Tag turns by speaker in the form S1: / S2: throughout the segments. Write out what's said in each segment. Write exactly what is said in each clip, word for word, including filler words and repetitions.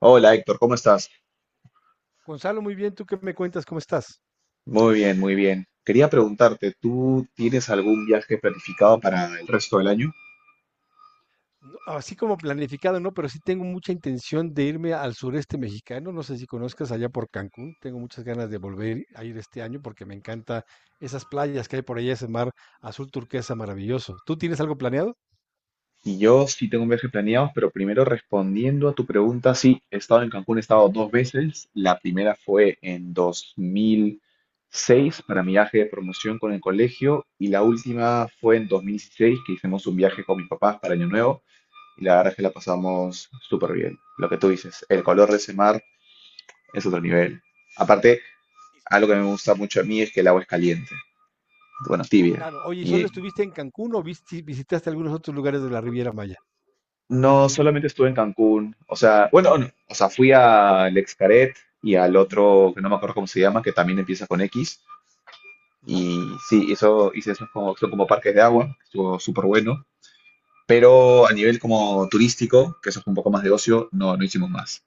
S1: Hola Héctor, ¿cómo estás?
S2: Gonzalo, muy bien, ¿tú qué me cuentas? ¿Cómo estás?
S1: Muy bien, muy bien. Quería preguntarte, ¿tú tienes algún viaje planificado para el resto del año?
S2: No, así como planificado, no, pero sí tengo mucha intención de irme al sureste mexicano. No sé si conozcas allá por Cancún. Tengo muchas ganas de volver a ir este año porque me encanta esas playas que hay por allá, ese mar azul turquesa maravilloso. ¿Tú tienes algo planeado?
S1: Y yo sí tengo un viaje planeado, pero primero respondiendo a tu pregunta, sí, he estado en Cancún, he estado dos veces. La primera fue en dos mil seis para mi viaje de promoción con el colegio y la última fue en dos mil dieciséis que hicimos un viaje con mis papás para Año Nuevo y la verdad es que la pasamos súper bien. Lo que tú dices, el color de ese mar es otro nivel. Aparte, algo que me gusta mucho a mí es que el agua es caliente, bueno, tibia.
S2: Claro, oye, ¿y solo
S1: Y
S2: estuviste en Cancún o visi- visitaste algunos otros lugares de la Riviera Maya?
S1: no solamente estuve en Cancún, o sea, bueno, no, o sea, fui al Xcaret y al otro, que no me acuerdo cómo se llama, que también empieza con X.
S2: Ajá.
S1: Y sí, eso hice esos como, son como parques de agua, estuvo súper bueno. Pero a nivel como turístico, que eso es un poco más de ocio, no, no hicimos más.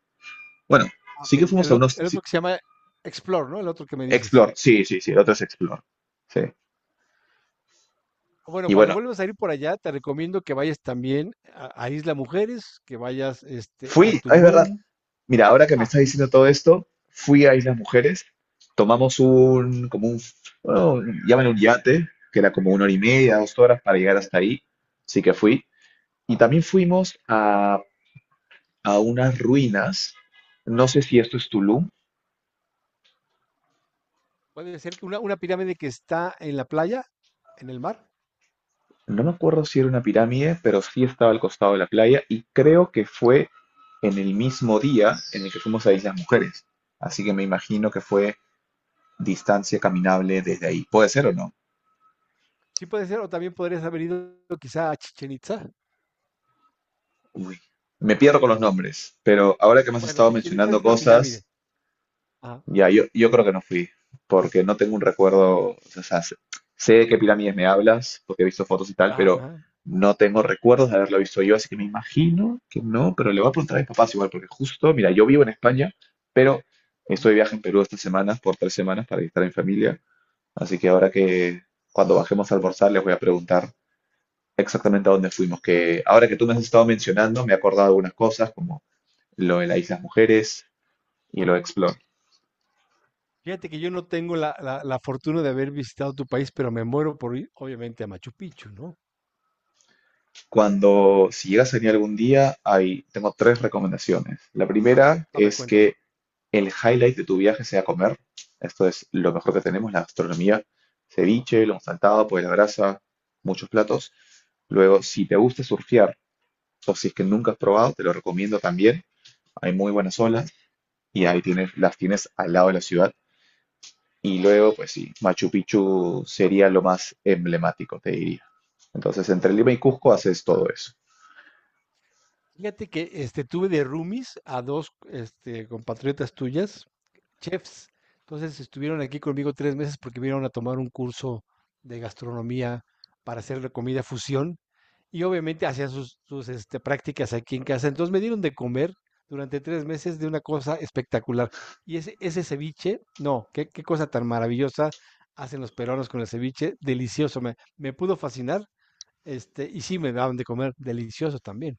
S1: Bueno,
S2: Ah, Ok,
S1: sí que fuimos
S2: el,
S1: a
S2: ot-
S1: unos...
S2: el otro
S1: sí,
S2: que se llama Explore, ¿no? El otro que me dices.
S1: Explore, sí, sí, sí, el otro es Explore. Sí.
S2: Bueno,
S1: Y
S2: cuando
S1: bueno,
S2: vuelvas a ir por allá, te recomiendo que vayas también a, a Isla Mujeres, que vayas este, a
S1: fui, ah, es verdad.
S2: Tulum.
S1: Mira, ahora que me
S2: Ah,
S1: estás diciendo todo esto, fui a Islas Mujeres, tomamos un, como un, bueno, llaman un yate, que era como una hora y media, dos horas para llegar hasta ahí, sí que fui. Y también fuimos a, a unas ruinas, no sé si esto es Tulum,
S2: puede ser que una, una pirámide que está en la playa, en el mar.
S1: no me acuerdo si era una pirámide, pero sí estaba al costado de la playa y creo que fue en el mismo día en el que fuimos a Islas Mujeres. Así que me imagino que fue distancia caminable desde ahí. ¿Puede ser o no?
S2: Sí puede ser, o también podrías haber ido quizá a Chichen Itza.
S1: Uy, me pierdo con los nombres, pero ahora que me has
S2: Bueno,
S1: estado
S2: Chichen Itza es
S1: mencionando
S2: una pirámide.
S1: cosas,
S2: Ajá.
S1: ya, yo, yo creo que no fui, porque no tengo un recuerdo, o sea, sé sé de qué pirámides me
S2: Sí.
S1: hablas, porque he visto fotos y tal,
S2: Ajá,
S1: pero
S2: ajá,
S1: no tengo recuerdos de haberlo visto yo, así que me imagino que no, pero le voy a preguntar a mis papás igual, porque justo, mira, yo vivo en España, pero estoy
S2: ujú.
S1: de viaje en Perú estas semanas, por tres semanas, para visitar a mi familia, así que ahora que cuando bajemos a almorzar les voy a preguntar exactamente a dónde fuimos, que ahora que tú me has estado mencionando, me he acordado de algunas cosas, como lo de la Isla Mujeres y lo de Explore.
S2: Fíjate que yo no tengo la, la la fortuna de haber visitado tu país, pero me muero por ir, obviamente, a Machu Picchu, ¿no?
S1: Cuando, si llegas a venir algún día, hay, tengo tres recomendaciones. La primera
S2: A ver,
S1: es
S2: cuéntame.
S1: que el highlight de tu viaje sea comer. Esto es lo mejor que tenemos, la gastronomía. Ceviche, lo saltado, pues la grasa, muchos platos. Luego, si te gusta surfear o si es que nunca has probado, te lo recomiendo también. Hay muy buenas
S2: Ujú.
S1: olas y ahí tienes, las tienes al lado de la ciudad. Y luego, pues sí, Machu Picchu sería lo más emblemático, te diría. Entonces, entre Lima y Cusco haces todo eso.
S2: Fíjate que, este, tuve de roomies a dos, este, compatriotas tuyas chefs. Entonces estuvieron aquí conmigo tres meses porque vinieron a tomar un curso de gastronomía para hacer la comida fusión y obviamente hacían sus, sus, este, prácticas aquí en casa. Entonces me dieron de comer durante tres meses de una cosa espectacular. Y ese, ese ceviche, no, qué, qué cosa tan maravillosa hacen los peruanos con el ceviche, delicioso, me, me pudo fascinar, este, y sí me daban de comer, delicioso también.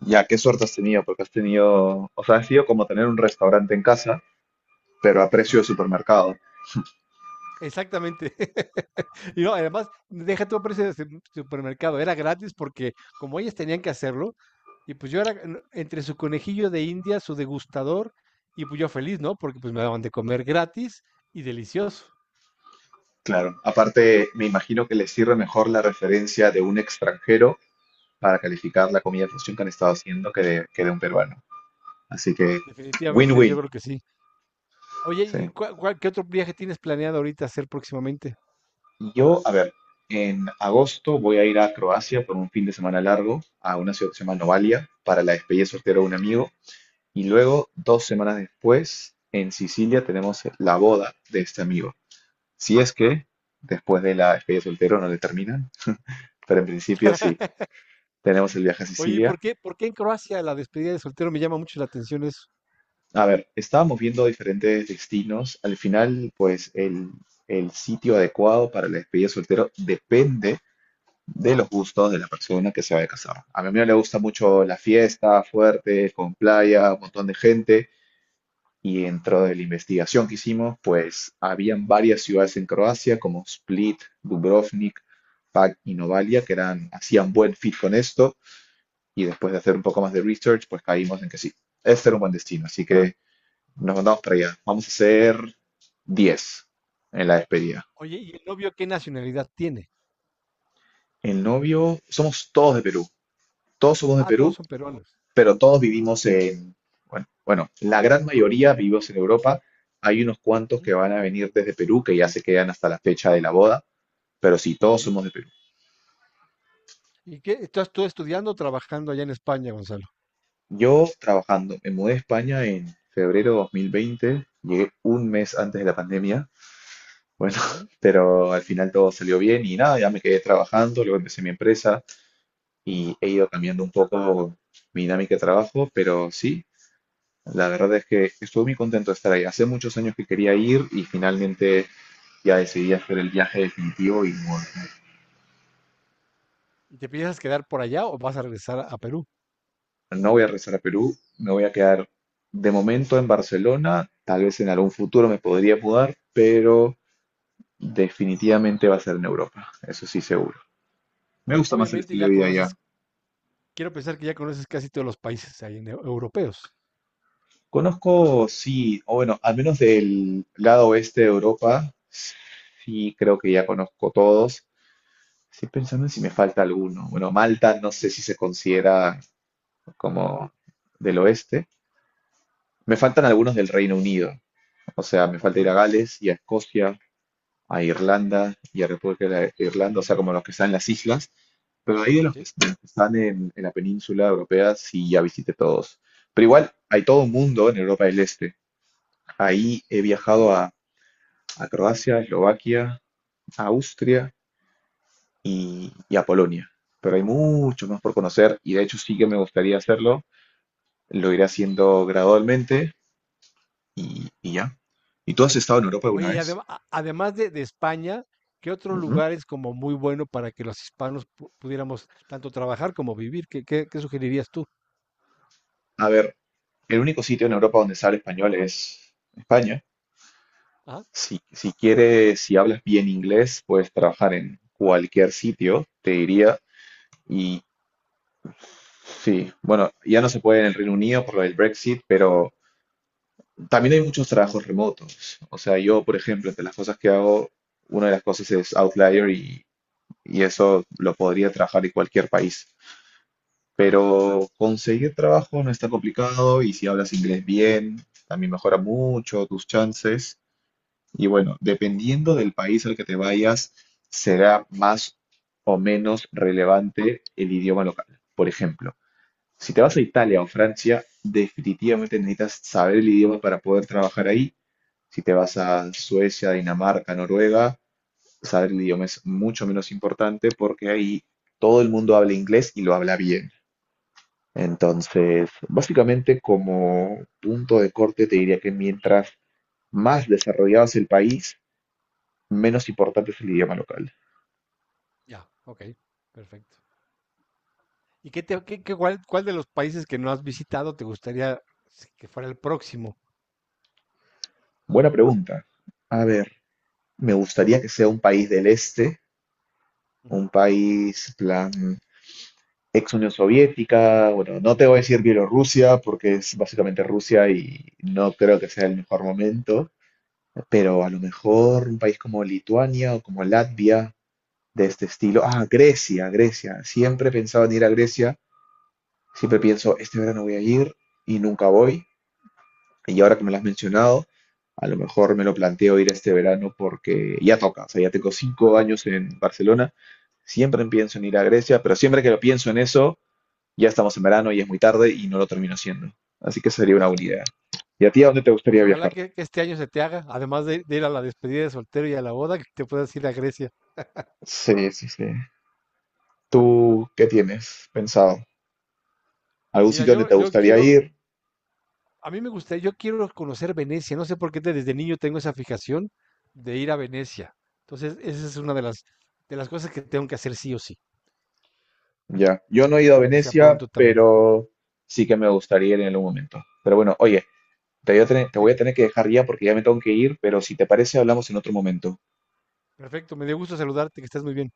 S1: Ya, qué suerte has tenido, porque has tenido, o sea, ha sido como tener un restaurante en casa, pero a precio de
S2: Exacto.
S1: supermercado.
S2: Exactamente. Y no, además, deja tu precio de supermercado, era gratis porque como ellas tenían que hacerlo, y pues yo era en- entre su conejillo de India, su degustador, y pues yo feliz, ¿no? Porque pues me daban de comer gratis y delicioso.
S1: Claro, aparte me imagino que les sirve mejor la referencia de un extranjero para calificar la comida fusión que han estado haciendo que de, que de un peruano. Así que,
S2: Definitivamente yo
S1: win-win.
S2: creo que sí. Oye, ¿y
S1: Sí.
S2: cuál- cuál- qué otro viaje tienes planeado ahorita hacer próximamente?
S1: Yo, a ver, en agosto voy a ir a Croacia por un fin de semana largo, a una ciudad que se llama Novalia, para la despedida soltera de un amigo. Y luego, dos semanas después, en Sicilia tenemos la boda de este amigo. Si es que después de la despedida de soltero no le terminan, pero en principio sí, tenemos el viaje a
S2: Oye, ¿y
S1: Sicilia.
S2: por qué, por qué en Croacia la despedida de soltero me llama mucho la atención eso?
S1: A ver, estábamos viendo diferentes destinos. Al final, pues el, el sitio adecuado para la despedida de soltero depende de los gustos de la persona que se vaya a casar. A mi amigo le gusta mucho la fiesta fuerte, con playa, un montón de gente. Y dentro de la investigación que hicimos, pues habían varias ciudades en Croacia como Split, Dubrovnik, Pag y Novalia que eran, hacían buen fit con esto. Y después de hacer un poco más de research, pues caímos en que sí, este era un buen destino. Así que nos mandamos para allá. Vamos a hacer diez en la despedida.
S2: Oye, ¿y el novio qué nacionalidad tiene?
S1: El novio, somos todos de Perú. Todos somos de
S2: Ah, todos
S1: Perú
S2: son peruanos.
S1: pero todos vivimos en, bueno, bueno, la gran mayoría vivimos en Europa. Hay unos cuantos
S2: Ujú,
S1: que van a venir desde Perú, que ya se quedan hasta la fecha de la boda, pero sí, todos
S2: ujú.
S1: somos de Perú.
S2: ¿Y qué? ¿Estás tú estudiando o trabajando allá en España, Gonzalo?
S1: Yo trabajando, me mudé a España en febrero dos mil veinte, llegué un mes antes de la pandemia, bueno,
S2: Ujú.
S1: pero al final todo salió bien y nada, ya me quedé trabajando, luego empecé mi empresa y he ido cambiando un poco mi dinámica de trabajo, pero sí, la verdad es que estuve muy contento de estar ahí. Hace muchos años que quería ir y finalmente ya decidí hacer el viaje definitivo y no,
S2: ¿Y te piensas quedar por allá o vas a regresar a Perú?
S1: no voy a regresar a Perú, me voy a quedar de momento en Barcelona, tal vez en algún futuro me podría mudar, pero definitivamente va a ser en Europa, eso sí seguro. Me gusta más el
S2: Obviamente
S1: estilo
S2: ya
S1: de vida
S2: conoces,
S1: allá.
S2: quiero pensar que ya conoces casi todos los países ahí en eu- europeos.
S1: Conozco, sí, o bueno, al menos del lado oeste de Europa, sí creo que ya conozco todos. Estoy pensando en si me falta alguno. Bueno, Malta no sé si se considera
S2: Ujú,
S1: como del oeste. Me faltan algunos del Reino Unido. O sea, me
S2: Ok,
S1: falta ir a Gales y a Escocia, a Irlanda y a República de Irlanda, o sea, como los que están en las islas. Pero ahí de los que
S2: sí,
S1: están están en, en la península europea, sí ya visité todos. Pero igual hay todo un mundo en Europa del Este. Ahí he
S2: ok.
S1: viajado a, a Croacia, Eslovaquia, a Austria y, y a Polonia. Pero hay mucho más por conocer y de hecho sí que me gustaría hacerlo. Lo iré haciendo gradualmente y, y ya. ¿Y tú has estado en Europa alguna
S2: Oye, y
S1: vez?
S2: adem- a- además de, de España, ¿qué otro
S1: Ujú.
S2: lugar es como muy bueno para que los hispanos pu- pudiéramos tanto trabajar como vivir? ¿Qué, qué- qué sugerirías tú?
S1: A ver, el único sitio en Europa donde se habla español es España.
S2: Ah,
S1: Si, si quieres, si hablas bien inglés, puedes trabajar en cualquier sitio, te diría. Y sí, bueno, ya no se puede en el Reino Unido por lo del Brexit, pero también hay muchos trabajos remotos. O sea, yo, por ejemplo, entre las cosas que hago, una de las cosas es Outlier y, y eso lo podría trabajar en cualquier país.
S2: claro,
S1: Pero conseguir trabajo no está complicado y si hablas inglés bien, también mejora mucho tus chances. Y bueno, dependiendo del país al que te vayas, será más o menos relevante el idioma local. Por ejemplo, si te vas a Italia o Francia, definitivamente necesitas saber el idioma para poder trabajar ahí. Si te vas a Suecia, Dinamarca, Noruega, saber el idioma es mucho menos importante porque ahí todo el mundo habla inglés y lo habla bien. Entonces, básicamente como punto de corte te diría que mientras más desarrollado es el país, menos importante es el idioma local.
S2: ya, ok, perfecto. ¿Y qué te, qué- qué- cuál, cuál de los países que no has visitado te gustaría si- que fuera el próximo?
S1: Buena pregunta. A ver, me gustaría que sea un país del este,
S2: Ujú.
S1: un país plan ex Unión Soviética, bueno, no te voy a decir Bielorrusia porque es básicamente Rusia y no creo que sea el mejor momento, pero a lo mejor un país como Lituania o como Latvia de este estilo. Ah, Grecia, Grecia. Siempre he pensado en ir a Grecia, siempre pienso, este verano voy a ir y nunca voy. Y ahora que me lo has mencionado, a lo mejor me lo planteo ir este verano porque ya toca. O sea, ya tengo cinco años en Barcelona. Siempre pienso en ir a Grecia, pero siempre que lo pienso en eso, ya estamos en verano y es muy tarde y no lo termino haciendo. Así que sería una buena idea. ¿Y a ti a dónde te
S2: Pues
S1: gustaría
S2: ojalá
S1: viajar?
S2: que, que este año se te haga, además de, de ir a la despedida de soltero y a la boda, que te puedas ir a Grecia.
S1: Sí, sí, sí. ¿Tú qué tienes pensado? ¿Algún
S2: Mira,
S1: sitio donde
S2: yo,
S1: te
S2: yo
S1: gustaría
S2: quiero,
S1: ir?
S2: a mí me gustaría, yo quiero conocer Venecia, no sé por qué te- desde niño tengo esa fijación de ir a Venecia. Entonces, esa es una de las, de las cosas que tengo que hacer sí o sí.
S1: Ya. Yo no he ido a
S2: Espero que sea pronto
S1: Venecia,
S2: también.
S1: pero sí que me gustaría ir en algún momento. Pero bueno, oye, Te voy a tener, te voy a
S2: Dime.
S1: tener que dejar ya porque ya me tengo que ir, pero si te parece, hablamos en otro momento.
S2: Perfecto, me dio gusto saludarte, que estés muy bien.